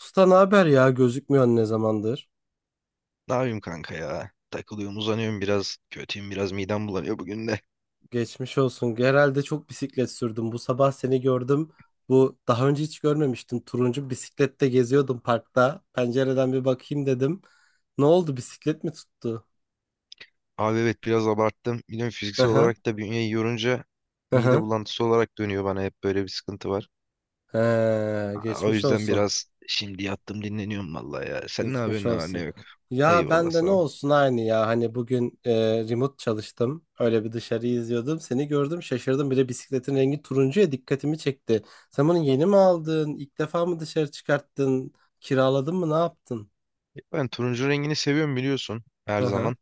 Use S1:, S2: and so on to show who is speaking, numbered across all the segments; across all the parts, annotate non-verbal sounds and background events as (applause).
S1: Usta ne haber ya? Gözükmüyorsun ne zamandır?
S2: Ne yapayım kanka ya? Takılıyorum, uzanıyorum biraz. Kötüyüm biraz, midem bulanıyor bugün de.
S1: Geçmiş olsun. Herhalde çok bisiklet sürdüm. Bu sabah seni gördüm. Bu daha önce hiç görmemiştim. Turuncu bisiklette geziyordum parkta. Pencereden bir bakayım dedim. Ne oldu? Bisiklet mi tuttu?
S2: Abi evet biraz abarttım. Biliyorum
S1: Hı
S2: fiziksel
S1: hı.
S2: olarak da bünyeyi yorunca
S1: Hı
S2: mide
S1: hı.
S2: bulantısı olarak dönüyor bana hep böyle bir sıkıntı var. O
S1: Geçmiş
S2: yüzden
S1: olsun.
S2: biraz şimdi yattım dinleniyorum vallahi ya. Sen ne
S1: Geçmiş
S2: yapıyorsun ne var ne
S1: olsun.
S2: yok?
S1: Ya
S2: Eyvallah
S1: ben de
S2: sağ
S1: ne
S2: ol.
S1: olsun aynı ya. Hani bugün remote çalıştım. Öyle bir dışarıyı izliyordum. Seni gördüm şaşırdım. Bir de bisikletin rengi turuncuya dikkatimi çekti. Sen bunu yeni mi aldın? İlk defa mı dışarı çıkarttın? Kiraladın mı? Ne yaptın?
S2: Ben turuncu rengini seviyorum biliyorsun her
S1: Hı hı.
S2: zaman.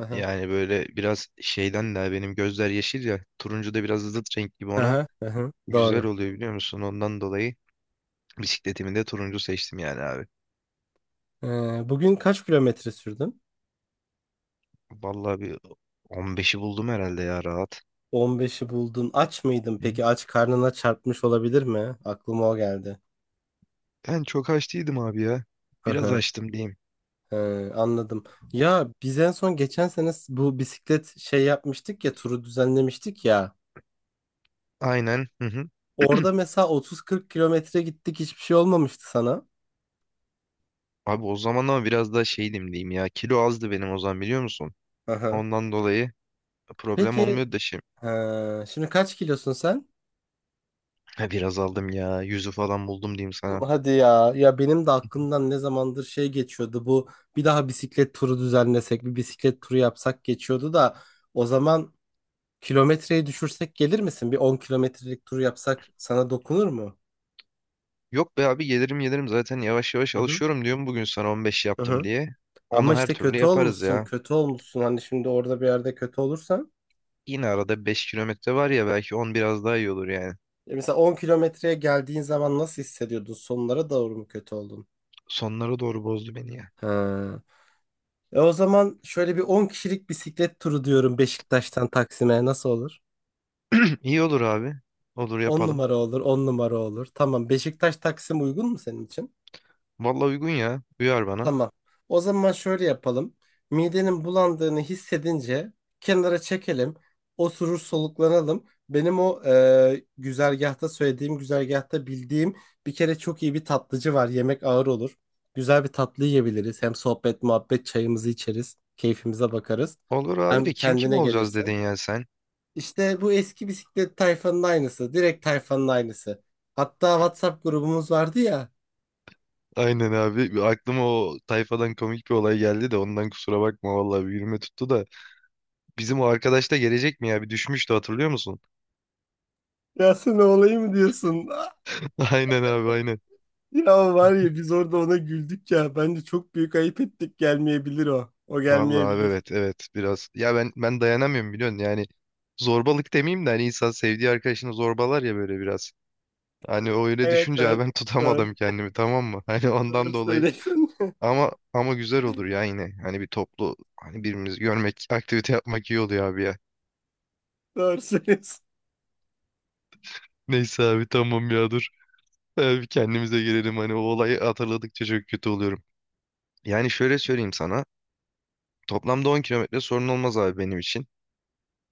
S1: Hı hı.
S2: Yani böyle biraz şeyden de benim gözler yeşil ya. Turuncu da biraz zıt renk gibi
S1: Hı
S2: ona.
S1: hı. Hı hı.
S2: Güzel
S1: Doğru.
S2: oluyor biliyor musun? Ondan dolayı bisikletimi de turuncu seçtim yani abi.
S1: E, bugün kaç kilometre sürdün?
S2: Vallahi bir 15'i buldum herhalde ya rahat.
S1: 15'i buldun. Aç mıydın
S2: Hı.
S1: peki? Aç karnına çarpmış olabilir mi? Aklıma o geldi.
S2: Ben çok aç değildim abi ya. Biraz açtım diyeyim.
S1: He, anladım. Ya biz en son geçen sene bu bisiklet şey yapmıştık ya turu düzenlemiştik ya.
S2: Aynen. Hı hı.
S1: Orada
S2: (clears throat)
S1: mesela 30-40 kilometre gittik hiçbir şey olmamıştı sana.
S2: Abi o zaman ama biraz daha şeydim diyeyim ya. Kilo azdı benim o zaman biliyor musun?
S1: Aha.
S2: Ondan dolayı problem
S1: Peki
S2: olmuyor da şimdi.
S1: he, şimdi kaç kilosun sen?
S2: Ha, biraz aldım ya. Yüzü falan buldum diyeyim sana.
S1: Hadi ya ya benim de aklımdan ne zamandır şey geçiyordu bu bir daha bisiklet turu düzenlesek bir bisiklet turu yapsak geçiyordu da o zaman kilometreyi düşürsek gelir misin? Bir 10 kilometrelik tur yapsak sana dokunur mu?
S2: Yok be abi gelirim gelirim zaten yavaş yavaş
S1: Hı hı.
S2: alışıyorum diyorum bugün sana 15
S1: Hı
S2: yaptım
S1: hı.
S2: diye.
S1: Ama
S2: Onu her
S1: işte
S2: türlü
S1: kötü
S2: yaparız
S1: olmuşsun,
S2: ya.
S1: kötü olmuşsun. Hani şimdi orada bir yerde kötü olursan.
S2: Yine arada 5 kilometre var ya belki 10 biraz daha iyi olur yani.
S1: E mesela 10 kilometreye geldiğin zaman nasıl hissediyordun? Sonlara doğru mu kötü oldun?
S2: Sonlara doğru bozdu beni ya.
S1: Ha. E o zaman şöyle bir 10 kişilik bisiklet turu diyorum Beşiktaş'tan Taksim'e nasıl olur?
S2: (clears throat) İyi olur abi. Olur
S1: 10
S2: yapalım.
S1: numara olur, 10 numara olur. Tamam, Beşiktaş Taksim uygun mu senin için?
S2: Vallahi uygun ya. Uyar bana.
S1: Tamam. O zaman şöyle yapalım. Midenin bulandığını hissedince kenara çekelim. Oturur soluklanalım. Benim o güzergahta söylediğim güzergahta bildiğim bir kere çok iyi bir tatlıcı var. Yemek ağır olur. Güzel bir tatlı yiyebiliriz. Hem sohbet, muhabbet, çayımızı içeriz. Keyfimize bakarız.
S2: Olur abi
S1: Hem
S2: de kim kim
S1: kendine
S2: olacağız
S1: gelirsin.
S2: dedin ya sen.
S1: İşte bu eski bisiklet tayfanın aynısı. Direkt tayfanın aynısı. Hatta WhatsApp grubumuz vardı ya.
S2: Aynen abi. Aklıma o tayfadan komik bir olay geldi de ondan kusura bakma vallahi bir yürüme tuttu da. Bizim o arkadaş da gelecek mi ya? Bir düşmüştü hatırlıyor musun?
S1: Ya sen olayım mı diyorsun?
S2: (laughs) Aynen abi aynen.
S1: Ya var ya, biz orada ona güldük ya. Bence çok büyük ayıp ettik. Gelmeyebilir o. O
S2: Vallahi abi
S1: gelmeyebilir.
S2: evet evet biraz. Ya ben dayanamıyorum biliyorsun yani. Zorbalık demeyeyim de hani insan sevdiği arkadaşını zorbalar ya böyle biraz. Hani o öyle
S1: Evet
S2: düşünce abi
S1: evet.
S2: ben (laughs)
S1: Doğru.
S2: tutamadım kendimi tamam mı? (laughs) Hani
S1: Doğru
S2: ondan dolayı.
S1: söylüyorsun.
S2: Ama güzel olur ya yine. Hani bir toplu hani birbirimizi görmek, (laughs) aktivite yapmak iyi oluyor abi ya.
S1: (laughs) Doğru söylüyorsun.
S2: Neyse abi tamam ya dur. Abi kendimize gelelim hani o olayı hatırladıkça çok kötü oluyorum. Yani şöyle söyleyeyim sana. Toplamda 10 kilometre sorun olmaz abi benim için.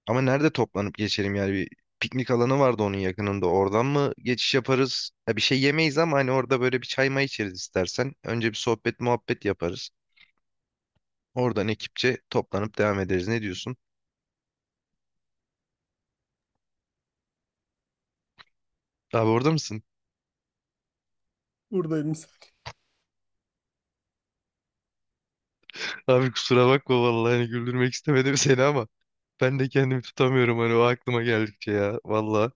S2: Ama nerede toplanıp geçelim yani bir piknik alanı vardı onun yakınında. Oradan mı geçiş yaparız? Ya bir şey yemeyiz ama hani orada böyle bir çay may içeriz istersen. Önce bir sohbet muhabbet yaparız. Oradan ekipçe toplanıp devam ederiz. Ne diyorsun? Abi orada mısın?
S1: Buradayım.
S2: Abi kusura bakma vallahi hani güldürmek istemedim seni ama ben de kendimi tutamıyorum hani o aklıma geldikçe ya vallahi.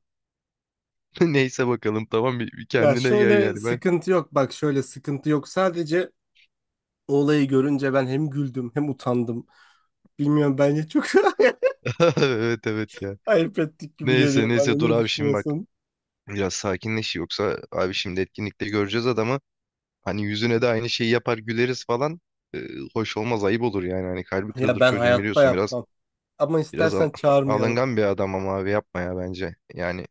S2: (laughs) Neyse bakalım tamam bir
S1: Ya
S2: kendine gel
S1: şöyle
S2: yani ben.
S1: sıkıntı yok. Bak şöyle sıkıntı yok. Sadece o olayı görünce ben hem güldüm hem utandım. Bilmiyorum bence çok
S2: (laughs) Evet evet ya.
S1: (laughs) ayıp ettik gibi
S2: Neyse
S1: geliyor bana.
S2: neyse dur
S1: Ne
S2: abi şimdi bak
S1: düşünüyorsun?
S2: biraz sakinleş yoksa abi şimdi etkinlikte göreceğiz adamı. Hani yüzüne de aynı şeyi yapar güleriz falan. Ee, Hoş olmaz ayıp olur yani hani kalbi
S1: Ya
S2: kırılır
S1: ben
S2: çocuğun
S1: hayatta
S2: biliyorsun biraz
S1: yapmam. Ama
S2: biraz al-
S1: istersen çağırmayalım.
S2: alıngan bir adam ama abi yapma ya bence. Yani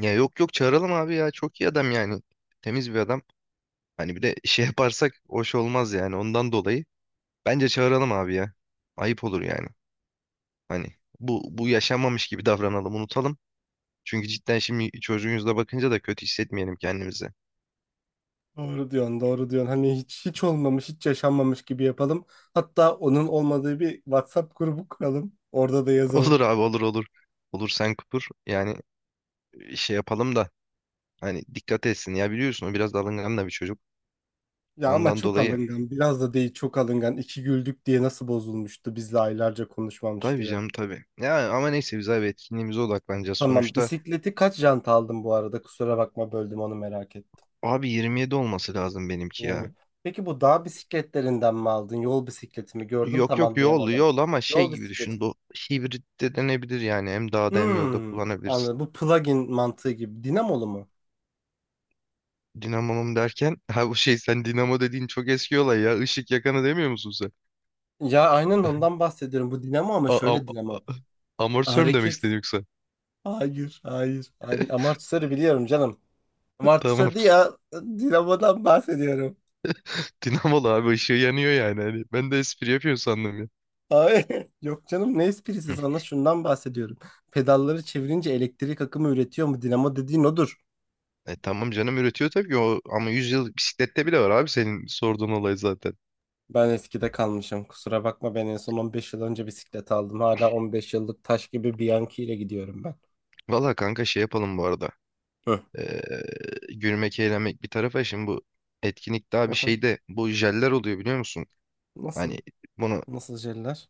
S2: ya yok yok çağıralım abi ya çok iyi adam yani temiz bir adam. Hani bir de şey yaparsak hoş olmaz yani ondan dolayı. Bence çağıralım abi ya. Ayıp olur yani. Hani bu yaşanmamış gibi davranalım, unutalım. Çünkü cidden şimdi çocuğun yüzüne bakınca da kötü hissetmeyelim kendimizi.
S1: Doğru diyorsun, doğru diyorsun. Hani hiç hiç olmamış, hiç yaşanmamış gibi yapalım. Hatta onun olmadığı bir WhatsApp grubu kuralım. Orada da
S2: (laughs)
S1: yazalım.
S2: Olur abi olur olur. Olur sen kupur. Yani şey yapalım da hani dikkat etsin. Ya biliyorsun o biraz alıngan da bir çocuk.
S1: Ya ama
S2: Ondan
S1: çok
S2: dolayı
S1: alıngan, biraz da değil çok alıngan. İki güldük diye nasıl bozulmuştu? Bizle aylarca konuşmamıştı
S2: tabii
S1: yani.
S2: canım tabii. Ya ama neyse biz abi etkinliğimize odaklanacağız.
S1: Tamam,
S2: Sonuçta
S1: bisikleti kaç jant aldın bu arada? Kusura bakma, böldüm, onu merak ettim.
S2: abi 27 olması lazım benimki ya.
S1: 20. Peki bu dağ bisikletlerinden mi aldın? Yol bisikleti mi? Gördüm,
S2: Yok
S1: tam
S2: yok yol
S1: anlayamadım.
S2: yol ama şey
S1: Yol
S2: gibi düşün.
S1: bisikleti mi?
S2: Bu hibrit de denebilir yani. Hem dağda hem yolda
S1: Hmm,
S2: kullanabilirsin.
S1: Anladım. Bu plug-in mantığı gibi. Dinamolu mu?
S2: Dinamomum derken (laughs) ha bu şey sen dinamo dediğin çok eski olay ya. Işık yakanı demiyor musun sen?
S1: Ya aynen
S2: (laughs)
S1: ondan bahsediyorum. Bu dinamo ama
S2: A a-
S1: şöyle
S2: a-
S1: dinamo.
S2: Amortisör mü demek
S1: Hareket.
S2: istedin yoksa?
S1: Hayır, hayır. Aynen. Amortisörü biliyorum canım.
S2: (laughs) Tamam.
S1: Amortisör değil ya. Dinamodan bahsediyorum.
S2: Dinamolu abi ışığı yanıyor yani. Hani ben de espri yapıyor sandım ya.
S1: Hayır. (laughs) Yok canım, ne esprisi,
S2: Hı.
S1: sana şundan bahsediyorum. Pedalları çevirince elektrik akımı üretiyor mu? Dinamo dediğin odur.
S2: E tamam canım üretiyor tabii ki o ama 100 yıl bisiklette bile var abi senin sorduğun olay zaten.
S1: Ben eskide kalmışım. Kusura bakma, ben en son 15 yıl önce bisiklet aldım. Hala 15 yıllık taş gibi Bianchi ile gidiyorum ben.
S2: Valla kanka şey yapalım bu arada.
S1: Hı.
S2: Ee, Gülmek eğlenmek bir tarafa şimdi bu etkinlikte abi
S1: Aha.
S2: şeyde bu jeller oluyor biliyor musun? Hani
S1: Nasıl?
S2: bunu
S1: Nasıl jeller?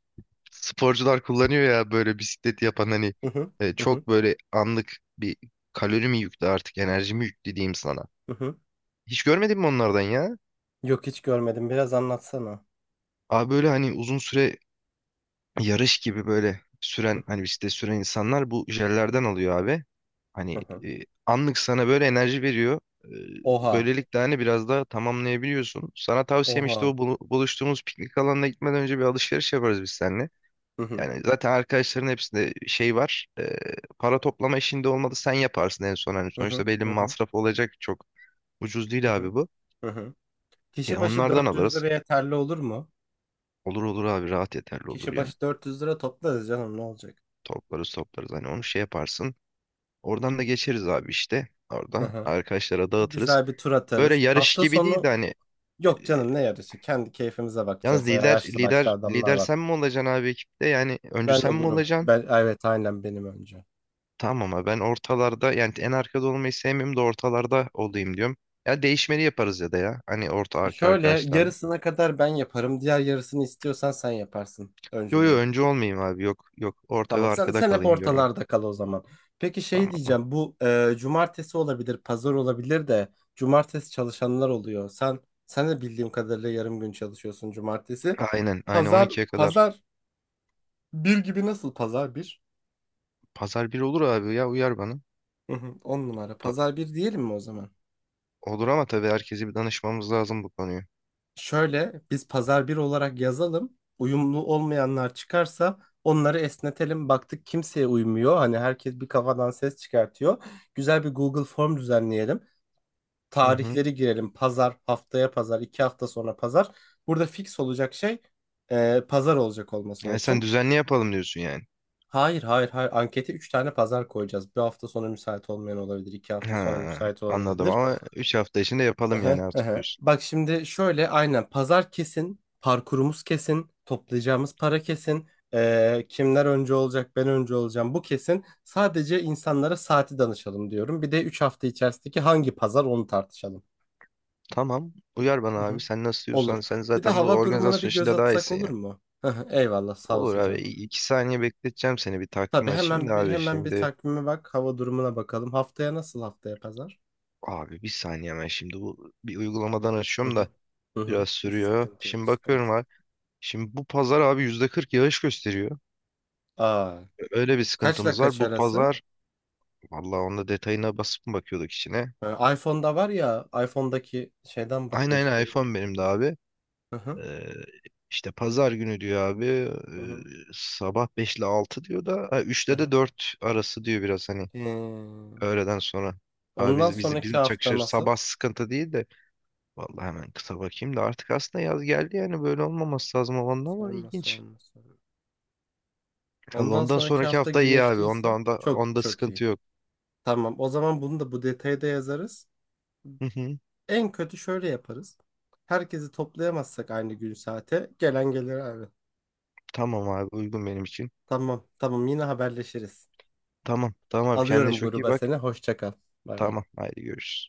S2: sporcular kullanıyor ya böyle bisikleti yapan hani
S1: Hı hı. Hı hı.
S2: çok böyle anlık bir kalori mi yüklü artık enerji mi yüklü diyeyim sana.
S1: Hı hı.
S2: Hiç görmedin mi onlardan ya?
S1: Yok, hiç görmedim. Biraz anlatsana.
S2: Abi böyle hani uzun süre yarış gibi böyle
S1: Hı
S2: süren
S1: hı,
S2: hani bisiklet süren insanlar bu jellerden alıyor abi. Hani
S1: hı hı.
S2: e, anlık sana böyle enerji veriyor. E,
S1: Oha.
S2: böylelikle hani biraz daha tamamlayabiliyorsun. Sana tavsiyem işte o
S1: Oha.
S2: buluştuğumuz piknik alanına gitmeden önce bir alışveriş yaparız biz seninle.
S1: Hı hı,
S2: Yani zaten arkadaşların hepsinde şey var. Para toplama işinde olmadı sen yaparsın en son. Hani
S1: hı hı,
S2: sonuçta belli bir
S1: hı hı,
S2: masraf olacak çok. Ucuz
S1: hı
S2: değil
S1: hı,
S2: abi bu.
S1: hı hı. Kişi
S2: Ya
S1: başı
S2: onlardan
S1: 400
S2: alırız.
S1: lira yeterli olur mu?
S2: Olur olur abi rahat yeterli olur
S1: Kişi
S2: ya.
S1: başı 400 lira toplarız canım, ne olacak?
S2: Toplarız toplarız hani onu şey yaparsın. Oradan da geçeriz abi işte.
S1: Hı
S2: Orada
S1: hı.
S2: arkadaşlara
S1: O
S2: dağıtırız.
S1: güzel bir tur
S2: Böyle
S1: atarız.
S2: yarış
S1: Hafta
S2: gibi değil de
S1: sonu
S2: hani. e,
S1: yok canım, ne yarışı? Kendi keyfimize
S2: Yalnız
S1: bakacağız. Ya
S2: lider
S1: yaşlı başlı
S2: lider
S1: adamlar
S2: lider
S1: var.
S2: sen mi olacaksın abi ekipte? Yani öncü
S1: Ben
S2: sen mi
S1: olurum.
S2: olacaksın?
S1: Ben evet, aynen, benim önce.
S2: Tamam ama ben ortalarda yani en arkada olmayı sevmiyorum da ortalarda olayım diyorum. Ya değişmeli yaparız ya da ya. Hani orta
S1: E,
S2: arka
S1: şöyle
S2: arkadaşlarla.
S1: yarısına kadar ben yaparım. Diğer yarısını istiyorsan sen yaparsın
S2: Yo yo
S1: öncülüğü.
S2: öncü olmayayım abi yok yok orta ve
S1: Tamam sen,
S2: arkada
S1: sen hep
S2: kalayım diyorum ben.
S1: ortalarda kal o zaman. Peki şey
S2: Tamam mı?
S1: diyeceğim, bu cumartesi olabilir, pazar olabilir de cumartesi çalışanlar oluyor. Sen de bildiğim kadarıyla yarım gün çalışıyorsun cumartesi.
S2: Aynen aynen
S1: Pazar
S2: 12'ye kadar.
S1: pazar bir gibi, nasıl, pazar bir?
S2: Pazar bir olur abi ya uyar bana.
S1: Hı hı, on numara.
S2: Pa-
S1: Pazar bir diyelim mi o zaman?
S2: olur ama tabii herkese bir danışmamız lazım bu konuyu.
S1: Şöyle, biz pazar bir olarak yazalım. Uyumlu olmayanlar çıkarsa onları esnetelim. Baktık kimseye uymuyor. Hani herkes bir kafadan ses çıkartıyor. Güzel bir Google form düzenleyelim.
S2: Hı hı.
S1: Tarihleri girelim. Pazar, haftaya pazar, 2 hafta sonra pazar. Burada fix olacak şey pazar olacak olması
S2: Yani sen
S1: olsun.
S2: düzenli yapalım diyorsun yani.
S1: Hayır, hayır, hayır. Ankete 3 tane pazar koyacağız. Bir hafta sonra müsait olmayan olabilir. iki hafta
S2: Ha,
S1: sonra müsait olan
S2: anladım
S1: olabilir.
S2: ama 3 hafta içinde yapalım
S1: Aha,
S2: yani artık
S1: aha.
S2: diyorsun.
S1: Bak şimdi şöyle, aynen pazar kesin. Parkurumuz kesin. Toplayacağımız para kesin. E, kimler önce olacak, ben önce olacağım. Bu kesin. Sadece insanlara saati danışalım diyorum. Bir de 3 hafta içerisindeki hangi pazar, onu tartışalım.
S2: Tamam. Uyar bana
S1: Hı
S2: abi.
S1: hı.
S2: Sen nasıl diyorsan
S1: Olur.
S2: sen
S1: Bir de
S2: zaten bu
S1: hava durumuna bir
S2: organizasyon
S1: göz
S2: işinde daha
S1: atsak
S2: iyisin
S1: olur
S2: ya.
S1: mu? (laughs) Eyvallah, sağ
S2: Olur
S1: olsun
S2: abi.
S1: canım.
S2: 2 saniye bekleteceğim seni. Bir takvim
S1: Tabii,
S2: açayım da abi.
S1: hemen bir
S2: Şimdi
S1: takvime bak, hava durumuna bakalım. Haftaya nasıl, haftaya pazar?
S2: abi bir saniye ben şimdi bu bir uygulamadan
S1: Hı
S2: açıyorum
S1: hı.
S2: da
S1: Hı hı.
S2: biraz sürüyor.
S1: Sıkıntı yok,
S2: Şimdi
S1: sıkıntı
S2: bakıyorum
S1: yok.
S2: abi. Şimdi bu pazar abi %40 yağış gösteriyor.
S1: Aa,
S2: Öyle bir
S1: kaçla
S2: sıkıntımız var.
S1: kaç
S2: Bu
S1: arası?
S2: pazar vallahi onda detayına basıp mı bakıyorduk içine.
S1: Ha, iPhone'da var ya, iPhone'daki şeyden bak,
S2: Aynen aynen
S1: gösteriyor.
S2: iPhone benim de abi.
S1: Hı hı.
S2: Ee, işte pazar günü diyor abi
S1: Hı hı.
S2: sabah 5 ile 6 diyor da ha,
S1: Hı
S2: 3'te
S1: hı.
S2: de 4 arası diyor biraz hani
S1: Hmm.
S2: öğleden sonra. Abi
S1: Ondan
S2: biz, biz,
S1: sonraki
S2: bizim
S1: hafta
S2: çakışır
S1: nasıl?
S2: sabah sıkıntı değil de vallahi hemen kısa bakayım da artık aslında yaz geldi yani böyle olmaması lazım havanda ama
S1: Sorma,
S2: ilginç.
S1: sorma, sorma.
S2: Allah
S1: Ondan
S2: ondan
S1: sonraki
S2: sonraki
S1: hafta
S2: hafta iyi abi onda
S1: güneşliyse
S2: onda
S1: çok
S2: onda
S1: çok iyi.
S2: sıkıntı yok.
S1: Tamam. O zaman bunu da bu detayda yazarız.
S2: Hı hı.
S1: En kötü şöyle yaparız. Herkesi toplayamazsak aynı gün saate gelen gelir abi.
S2: Tamam abi uygun benim için.
S1: Tamam tamam, yine haberleşiriz.
S2: Tamam tamam abi kendine
S1: Alıyorum
S2: çok iyi
S1: gruba
S2: bak.
S1: seni. Hoşça kal. Bay bay.
S2: Tamam haydi görüşürüz.